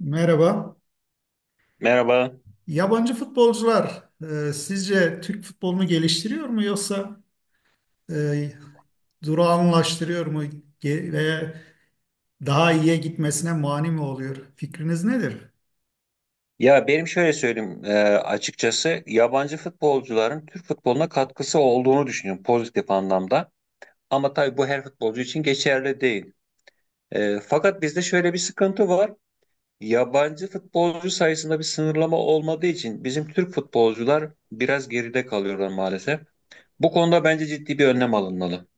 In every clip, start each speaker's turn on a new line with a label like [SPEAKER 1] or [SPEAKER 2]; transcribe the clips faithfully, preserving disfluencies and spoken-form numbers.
[SPEAKER 1] Merhaba.
[SPEAKER 2] Merhaba.
[SPEAKER 1] Yabancı futbolcular e, sizce Türk futbolunu geliştiriyor mu yoksa e, durağanlaştırıyor mu Ge- veya daha iyiye gitmesine mani mi oluyor? Fikriniz nedir?
[SPEAKER 2] Ya benim şöyle söyleyeyim e, açıkçası yabancı futbolcuların Türk futboluna katkısı olduğunu düşünüyorum pozitif anlamda. Ama tabii bu her futbolcu için geçerli değil. E, fakat bizde şöyle bir sıkıntı var. Yabancı futbolcu sayısında bir sınırlama olmadığı için bizim Türk futbolcular biraz geride kalıyorlar maalesef. Bu konuda bence ciddi bir önlem alınmalı.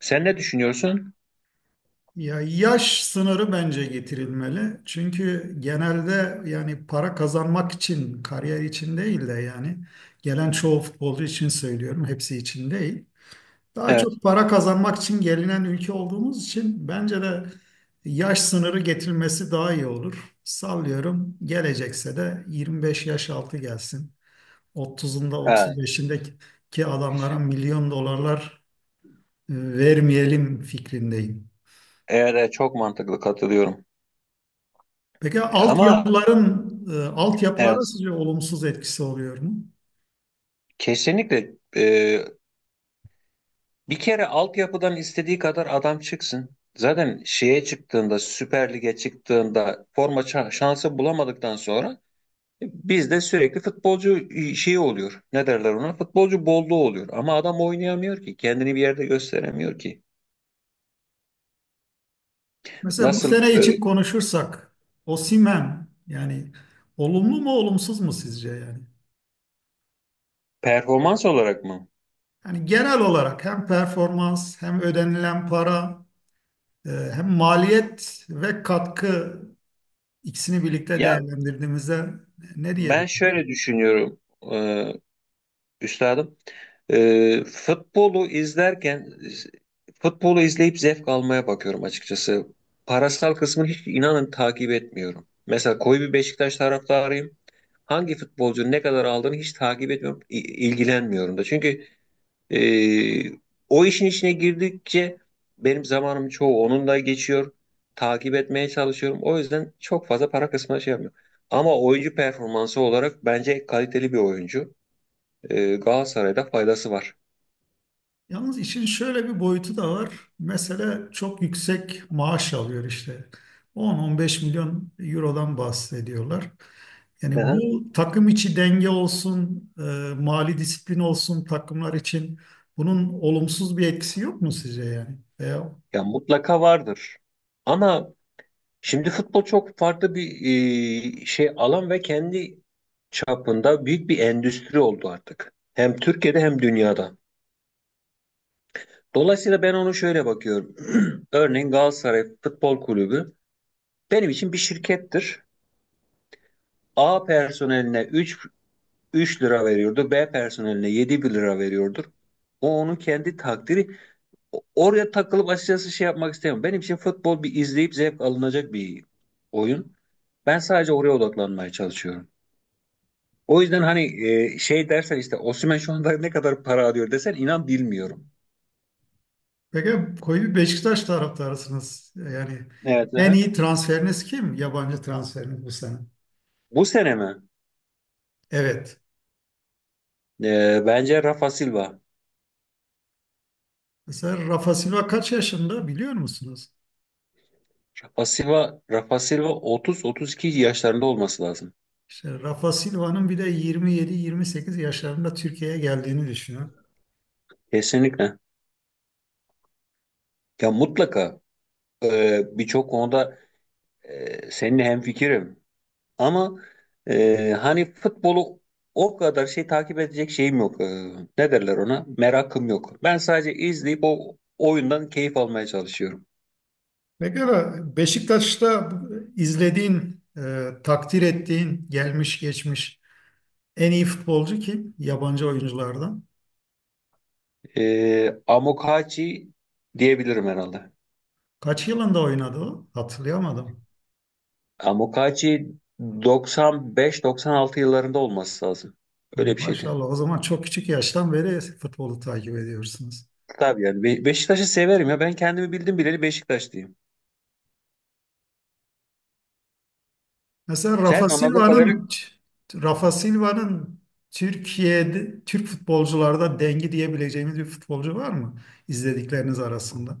[SPEAKER 2] Sen ne düşünüyorsun?
[SPEAKER 1] Ya yaş sınırı bence getirilmeli. Çünkü genelde yani para kazanmak için, kariyer için değil de yani gelen çoğu futbolcu için söylüyorum, hepsi için değil. Daha
[SPEAKER 2] Evet.
[SPEAKER 1] çok para kazanmak için gelinen ülke olduğumuz için bence de yaş sınırı getirilmesi daha iyi olur. Sallıyorum gelecekse de yirmi beş yaş altı gelsin. otuzunda
[SPEAKER 2] Ha,
[SPEAKER 1] otuz beşindeki adamlara milyon dolarlar e, vermeyelim fikrindeyim.
[SPEAKER 2] eğer e, çok mantıklı, katılıyorum.
[SPEAKER 1] Peki
[SPEAKER 2] Ama
[SPEAKER 1] altyapıların, e, altyapılara
[SPEAKER 2] evet,
[SPEAKER 1] sizce olumsuz etkisi oluyor mu?
[SPEAKER 2] kesinlikle, e, bir kere altyapıdan istediği kadar adam çıksın. Zaten şeye çıktığında, Süper Lig'e çıktığında forma ça- şansı bulamadıktan sonra bizde sürekli futbolcu e, şeyi oluyor. Ne derler ona? Futbolcu bolluğu oluyor. Ama adam oynayamıyor ki. Kendini bir yerde gösteremiyor ki.
[SPEAKER 1] Mesela bu
[SPEAKER 2] Nasıl?
[SPEAKER 1] sene
[SPEAKER 2] E,
[SPEAKER 1] için konuşursak Osimhen yani olumlu mu olumsuz mu sizce yani?
[SPEAKER 2] performans olarak mı?
[SPEAKER 1] Yani genel olarak hem performans hem ödenilen para e, hem maliyet ve katkı ikisini birlikte
[SPEAKER 2] Ya
[SPEAKER 1] değerlendirdiğimizde ne
[SPEAKER 2] ben
[SPEAKER 1] diyebilirim?
[SPEAKER 2] şöyle düşünüyorum, e, üstadım. E, futbolu izlerken futbolu izleyip zevk almaya bakıyorum açıkçası. Parasal kısmını hiç, inanın, takip etmiyorum. Mesela koyu bir Beşiktaş taraftarıyım. Hangi futbolcunun ne kadar aldığını hiç takip etmiyorum, i- ilgilenmiyorum da. Çünkü Ee, o işin içine girdikçe benim zamanım çoğu onunla geçiyor. Takip etmeye çalışıyorum. O yüzden çok fazla para kısmına şey yapmıyorum. Ama oyuncu performansı olarak bence kaliteli bir oyuncu. Ee, Galatasaray'da faydası var.
[SPEAKER 1] Yalnız işin şöyle bir boyutu da var. Mesela çok yüksek maaş alıyor işte. on on beş milyon eurodan bahsediyorlar.
[SPEAKER 2] Hı
[SPEAKER 1] Yani
[SPEAKER 2] hı.
[SPEAKER 1] bu takım içi denge olsun, e, mali disiplin olsun takımlar için bunun olumsuz bir etkisi yok mu sizce yani? E,
[SPEAKER 2] Ya mutlaka vardır. Ama şimdi futbol çok farklı bir e, şey alan ve kendi çapında büyük bir endüstri oldu artık. Hem Türkiye'de hem dünyada. Dolayısıyla ben onu şöyle bakıyorum. Örneğin Galatasaray Futbol Kulübü benim için bir şirkettir. A personeline 3 üç lira veriyordu. B personeline yedi lira veriyordur. O onun kendi takdiri. Oraya takılıp açıkçası şey yapmak istemiyorum. Benim için futbol bir izleyip zevk alınacak bir oyun. Ben sadece oraya odaklanmaya çalışıyorum. O yüzden hani e, şey dersen, işte Osimhen şu anda ne kadar para alıyor desen, inan, bilmiyorum.
[SPEAKER 1] Peki koyu bir Beşiktaş taraftarısınız. Yani
[SPEAKER 2] Evet.
[SPEAKER 1] en
[SPEAKER 2] Aha.
[SPEAKER 1] iyi transferiniz kim? Yabancı transferiniz bu sene.
[SPEAKER 2] Bu sene mi?
[SPEAKER 1] Evet.
[SPEAKER 2] E, bence Rafa Silva.
[SPEAKER 1] Mesela Rafa Silva kaç yaşında biliyor musunuz?
[SPEAKER 2] Rafa Silva, Rafa Silva otuz otuz iki yaşlarında olması lazım.
[SPEAKER 1] İşte Rafa Silva'nın bir de yirmi yedi yirmi sekiz yaşlarında Türkiye'ye geldiğini düşünün.
[SPEAKER 2] Kesinlikle. Ya mutlaka e, birçok konuda e, seninle hemfikirim. Ama e, hani futbolu o kadar şey takip edecek şeyim yok. E, ne derler ona? Merakım yok. Ben sadece izleyip o oyundan keyif almaya çalışıyorum.
[SPEAKER 1] Peki Beşiktaş'ta izlediğin, e, takdir ettiğin, gelmiş geçmiş en iyi futbolcu kim? Yabancı oyunculardan.
[SPEAKER 2] E, Amokachi diyebilirim herhalde.
[SPEAKER 1] Kaç yılında oynadı o? Hatırlayamadım.
[SPEAKER 2] Amokachi doksan beş doksan altı yıllarında olması lazım. Öyle bir şeydi.
[SPEAKER 1] Maşallah o zaman çok küçük yaştan beri futbolu takip ediyorsunuz.
[SPEAKER 2] Tabii yani Be- Beşiktaş'ı severim ya. Ben kendimi bildim bileli Beşiktaşlıyım.
[SPEAKER 1] Mesela Rafa
[SPEAKER 2] Sen anladığım kadarıyla
[SPEAKER 1] Silva'nın Rafa Silva'nın Türkiye'de Türk futbolcularda dengi diyebileceğimiz bir futbolcu var mı izledikleriniz arasında?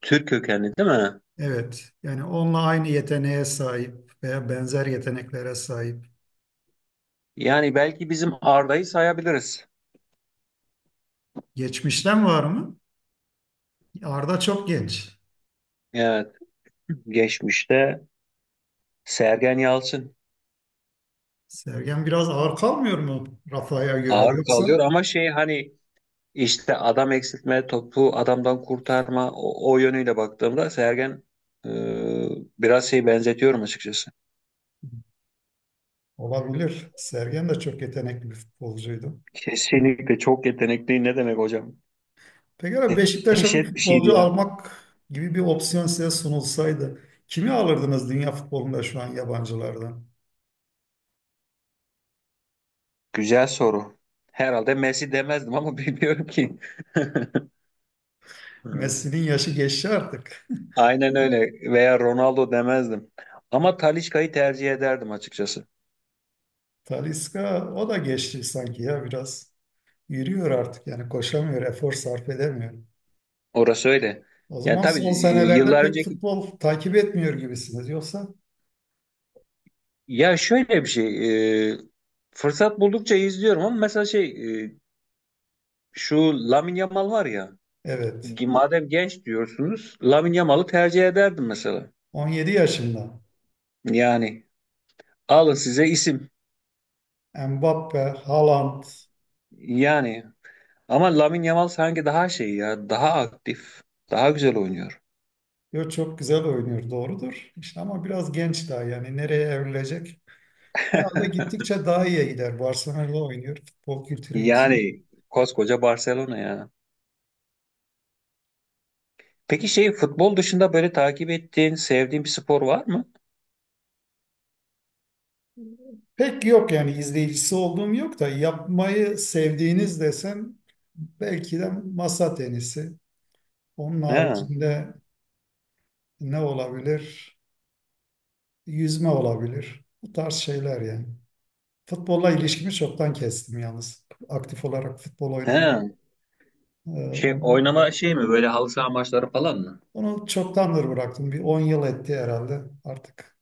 [SPEAKER 2] Türk kökenli değil mi?
[SPEAKER 1] Evet. Yani onunla aynı yeteneğe sahip veya benzer yeteneklere sahip.
[SPEAKER 2] Yani belki bizim Arda'yı sayabiliriz.
[SPEAKER 1] Geçmişten var mı? Arda çok genç.
[SPEAKER 2] Evet. Geçmişte Sergen Yalçın.
[SPEAKER 1] Sergen biraz ağır kalmıyor mu Rafa'ya göre
[SPEAKER 2] Ağır
[SPEAKER 1] yoksa?
[SPEAKER 2] kalıyor ama şey, hani işte adam eksiltme, topu adamdan kurtarma, o, o yönüyle baktığımda Sergen, e, biraz şey benzetiyorum açıkçası.
[SPEAKER 1] Olabilir. Sergen de çok yetenekli bir futbolcuydu.
[SPEAKER 2] Kesinlikle çok yetenekli, ne demek hocam?
[SPEAKER 1] Peki abi
[SPEAKER 2] De-
[SPEAKER 1] Beşiktaş'a bir
[SPEAKER 2] Dehşet bir şeydi
[SPEAKER 1] futbolcu
[SPEAKER 2] ya.
[SPEAKER 1] almak gibi bir opsiyon size sunulsaydı kimi alırdınız dünya futbolunda şu an yabancılardan?
[SPEAKER 2] Güzel soru. Herhalde Messi demezdim ama bilmiyorum ki. Hmm.
[SPEAKER 1] Messi'nin yaşı geçti artık.
[SPEAKER 2] Aynen öyle. Veya Ronaldo demezdim. Ama Talisca'yı tercih ederdim açıkçası.
[SPEAKER 1] Talisca o da geçti sanki ya biraz. Yürüyor artık yani koşamıyor, efor sarf edemiyor.
[SPEAKER 2] Orası öyle.
[SPEAKER 1] O
[SPEAKER 2] Yani
[SPEAKER 1] zaman
[SPEAKER 2] tabii
[SPEAKER 1] son
[SPEAKER 2] e,
[SPEAKER 1] senelerde
[SPEAKER 2] yıllar
[SPEAKER 1] pek
[SPEAKER 2] önceki,
[SPEAKER 1] futbol takip etmiyor gibisiniz. Yoksa
[SPEAKER 2] ya şöyle bir şey, e, fırsat buldukça izliyorum ama mesela şey, e, şu Lamine Yamal var ya,
[SPEAKER 1] evet,
[SPEAKER 2] gi- madem genç diyorsunuz, Lamine Yamal'ı tercih ederdim mesela.
[SPEAKER 1] on yedi yaşında
[SPEAKER 2] Yani alın size isim.
[SPEAKER 1] Mbappe, Haaland
[SPEAKER 2] Yani, ama Lamine Yamal sanki daha şey ya, daha aktif, daha güzel oynuyor.
[SPEAKER 1] yo çok güzel oynuyor doğrudur. İşte ama biraz genç daha yani nereye evrilecek? Herhalde gittikçe daha iyiye gider. Barcelona'da oynuyor. Futbol kültürü yüksek.
[SPEAKER 2] Yani koskoca Barcelona ya. Peki şey futbol dışında böyle takip ettiğin, sevdiğin bir spor var mı?
[SPEAKER 1] Pek yok yani izleyicisi olduğum yok da yapmayı sevdiğiniz desem belki de masa tenisi. Onun
[SPEAKER 2] He.
[SPEAKER 1] haricinde ne olabilir? Yüzme olabilir. Bu tarz şeyler yani. Futbolla ilişkimi çoktan kestim yalnız. Aktif olarak futbol oynamayı.
[SPEAKER 2] He.
[SPEAKER 1] e,
[SPEAKER 2] Şey
[SPEAKER 1] Onu,
[SPEAKER 2] oynama şey mi, böyle halı saha maçları falan mı?
[SPEAKER 1] onu çoktandır bıraktım. Bir on yıl etti herhalde. Artık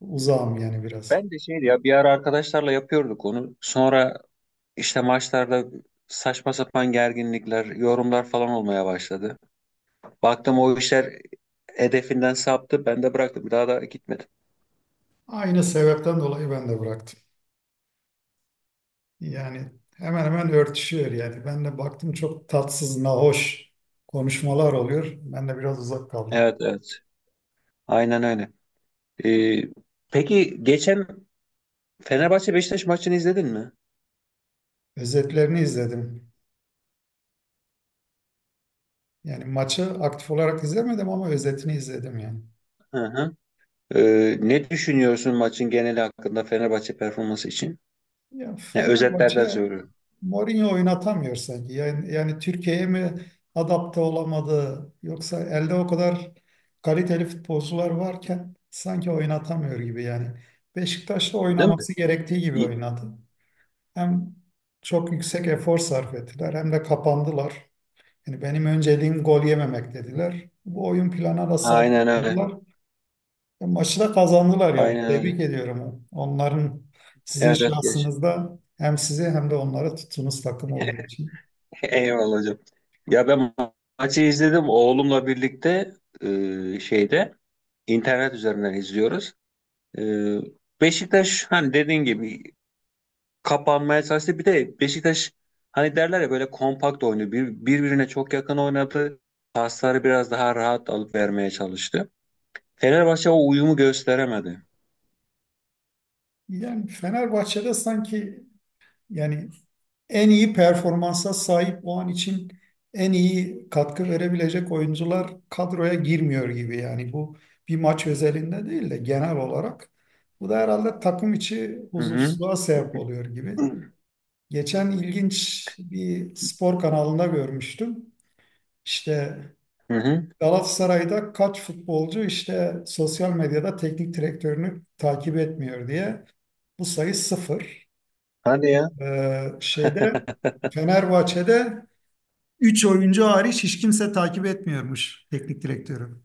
[SPEAKER 1] uzağım yani biraz.
[SPEAKER 2] Ben de şeydi ya, bir ara arkadaşlarla yapıyorduk onu. Sonra işte maçlarda saçma sapan gerginlikler, yorumlar falan olmaya başladı. Baktım o işler hedefinden saptı. Ben de bıraktım. Bir daha da gitmedim.
[SPEAKER 1] Aynı sebepten dolayı ben de bıraktım. Yani hemen hemen örtüşüyor yani. Ben de baktım çok tatsız, nahoş konuşmalar oluyor. Ben de biraz uzak kaldım.
[SPEAKER 2] Evet, evet. Aynen öyle. Ee, peki geçen Fenerbahçe Beşiktaş maçını izledin mi?
[SPEAKER 1] Özetlerini izledim. Yani maçı aktif olarak izlemedim ama özetini izledim yani.
[SPEAKER 2] Hı hı. Ee, ne düşünüyorsun maçın geneli hakkında, Fenerbahçe performansı için?
[SPEAKER 1] Ya
[SPEAKER 2] Ya, özetlerden
[SPEAKER 1] Fenerbahçe
[SPEAKER 2] söylüyorum.
[SPEAKER 1] Mourinho oynatamıyor sanki. Yani, yani Türkiye'ye mi adapte olamadı yoksa elde o kadar kaliteli futbolcular varken sanki oynatamıyor gibi yani. Beşiktaş'ta
[SPEAKER 2] Değil mi?
[SPEAKER 1] oynaması gerektiği gibi
[SPEAKER 2] İ-
[SPEAKER 1] oynadı. Hem çok yüksek efor sarf ettiler hem de kapandılar. Yani benim önceliğim gol yememek dediler. Bu oyun planına da
[SPEAKER 2] Aynen
[SPEAKER 1] sadık
[SPEAKER 2] öyle.
[SPEAKER 1] kaldılar. E, Maçı da kazandılar yani.
[SPEAKER 2] Aynen öyle.
[SPEAKER 1] Tebrik ediyorum. Onların sizin
[SPEAKER 2] Evet evet geç.
[SPEAKER 1] şahsınızda hem sizi hem de onlara tuttuğunuz takım olduğu için.
[SPEAKER 2] Eyvallah hocam. Ya ben ma- maçı izledim oğlumla birlikte, e, şeyde internet üzerinden izliyoruz. E, Beşiktaş hani dediğin gibi kapanmaya çalıştı. Bir de Beşiktaş hani derler ya, böyle kompakt oynuyor. Bir, birbirine çok yakın oynadı. Pasları biraz daha rahat alıp vermeye çalıştı. Fenerbahçe o uyumu gösteremedi.
[SPEAKER 1] Yani Fenerbahçe'de sanki yani en iyi performansa sahip o an için en iyi katkı verebilecek oyuncular kadroya girmiyor gibi. Yani bu bir maç özelinde değil de genel olarak. Bu da herhalde takım içi
[SPEAKER 2] Hı hı.
[SPEAKER 1] huzursuzluğa sebep oluyor gibi. Geçen ilginç bir spor kanalında görmüştüm. İşte
[SPEAKER 2] Hı hı.
[SPEAKER 1] Galatasaray'da kaç futbolcu işte sosyal medyada teknik direktörünü takip etmiyor diye. Bu sayı sıfır.
[SPEAKER 2] Hadi ya.
[SPEAKER 1] Ee, şeyde Fenerbahçe'de üç oyuncu hariç hiç kimse takip etmiyormuş teknik direktörü.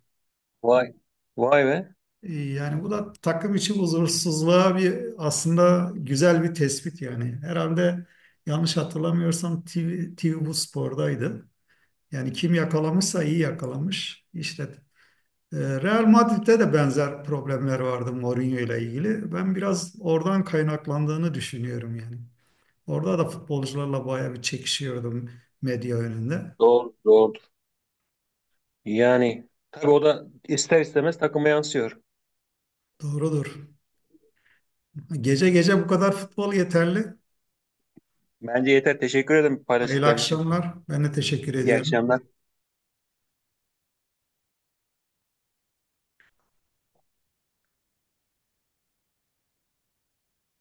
[SPEAKER 2] Vay. Vay be.
[SPEAKER 1] Ee, Yani bu da takım için huzursuzluğa bir aslında güzel bir tespit yani. Herhalde yanlış hatırlamıyorsam TV, T V bu spordaydı. Yani kim yakalamışsa iyi yakalamış. İşte e, Real Madrid'de de benzer problemler vardı Mourinho ile ilgili. Ben biraz oradan kaynaklandığını düşünüyorum yani. Orada da futbolcularla bayağı bir çekişiyordum medya önünde.
[SPEAKER 2] Doğru, doğru. Yani tabii o da ister istemez takıma yansıyor.
[SPEAKER 1] Doğrudur. Gece gece bu kadar futbol yeterli.
[SPEAKER 2] Bence yeter. Teşekkür ederim
[SPEAKER 1] Hayırlı
[SPEAKER 2] paylaştıkların için.
[SPEAKER 1] akşamlar. Ben de teşekkür
[SPEAKER 2] İyi
[SPEAKER 1] ediyorum.
[SPEAKER 2] akşamlar.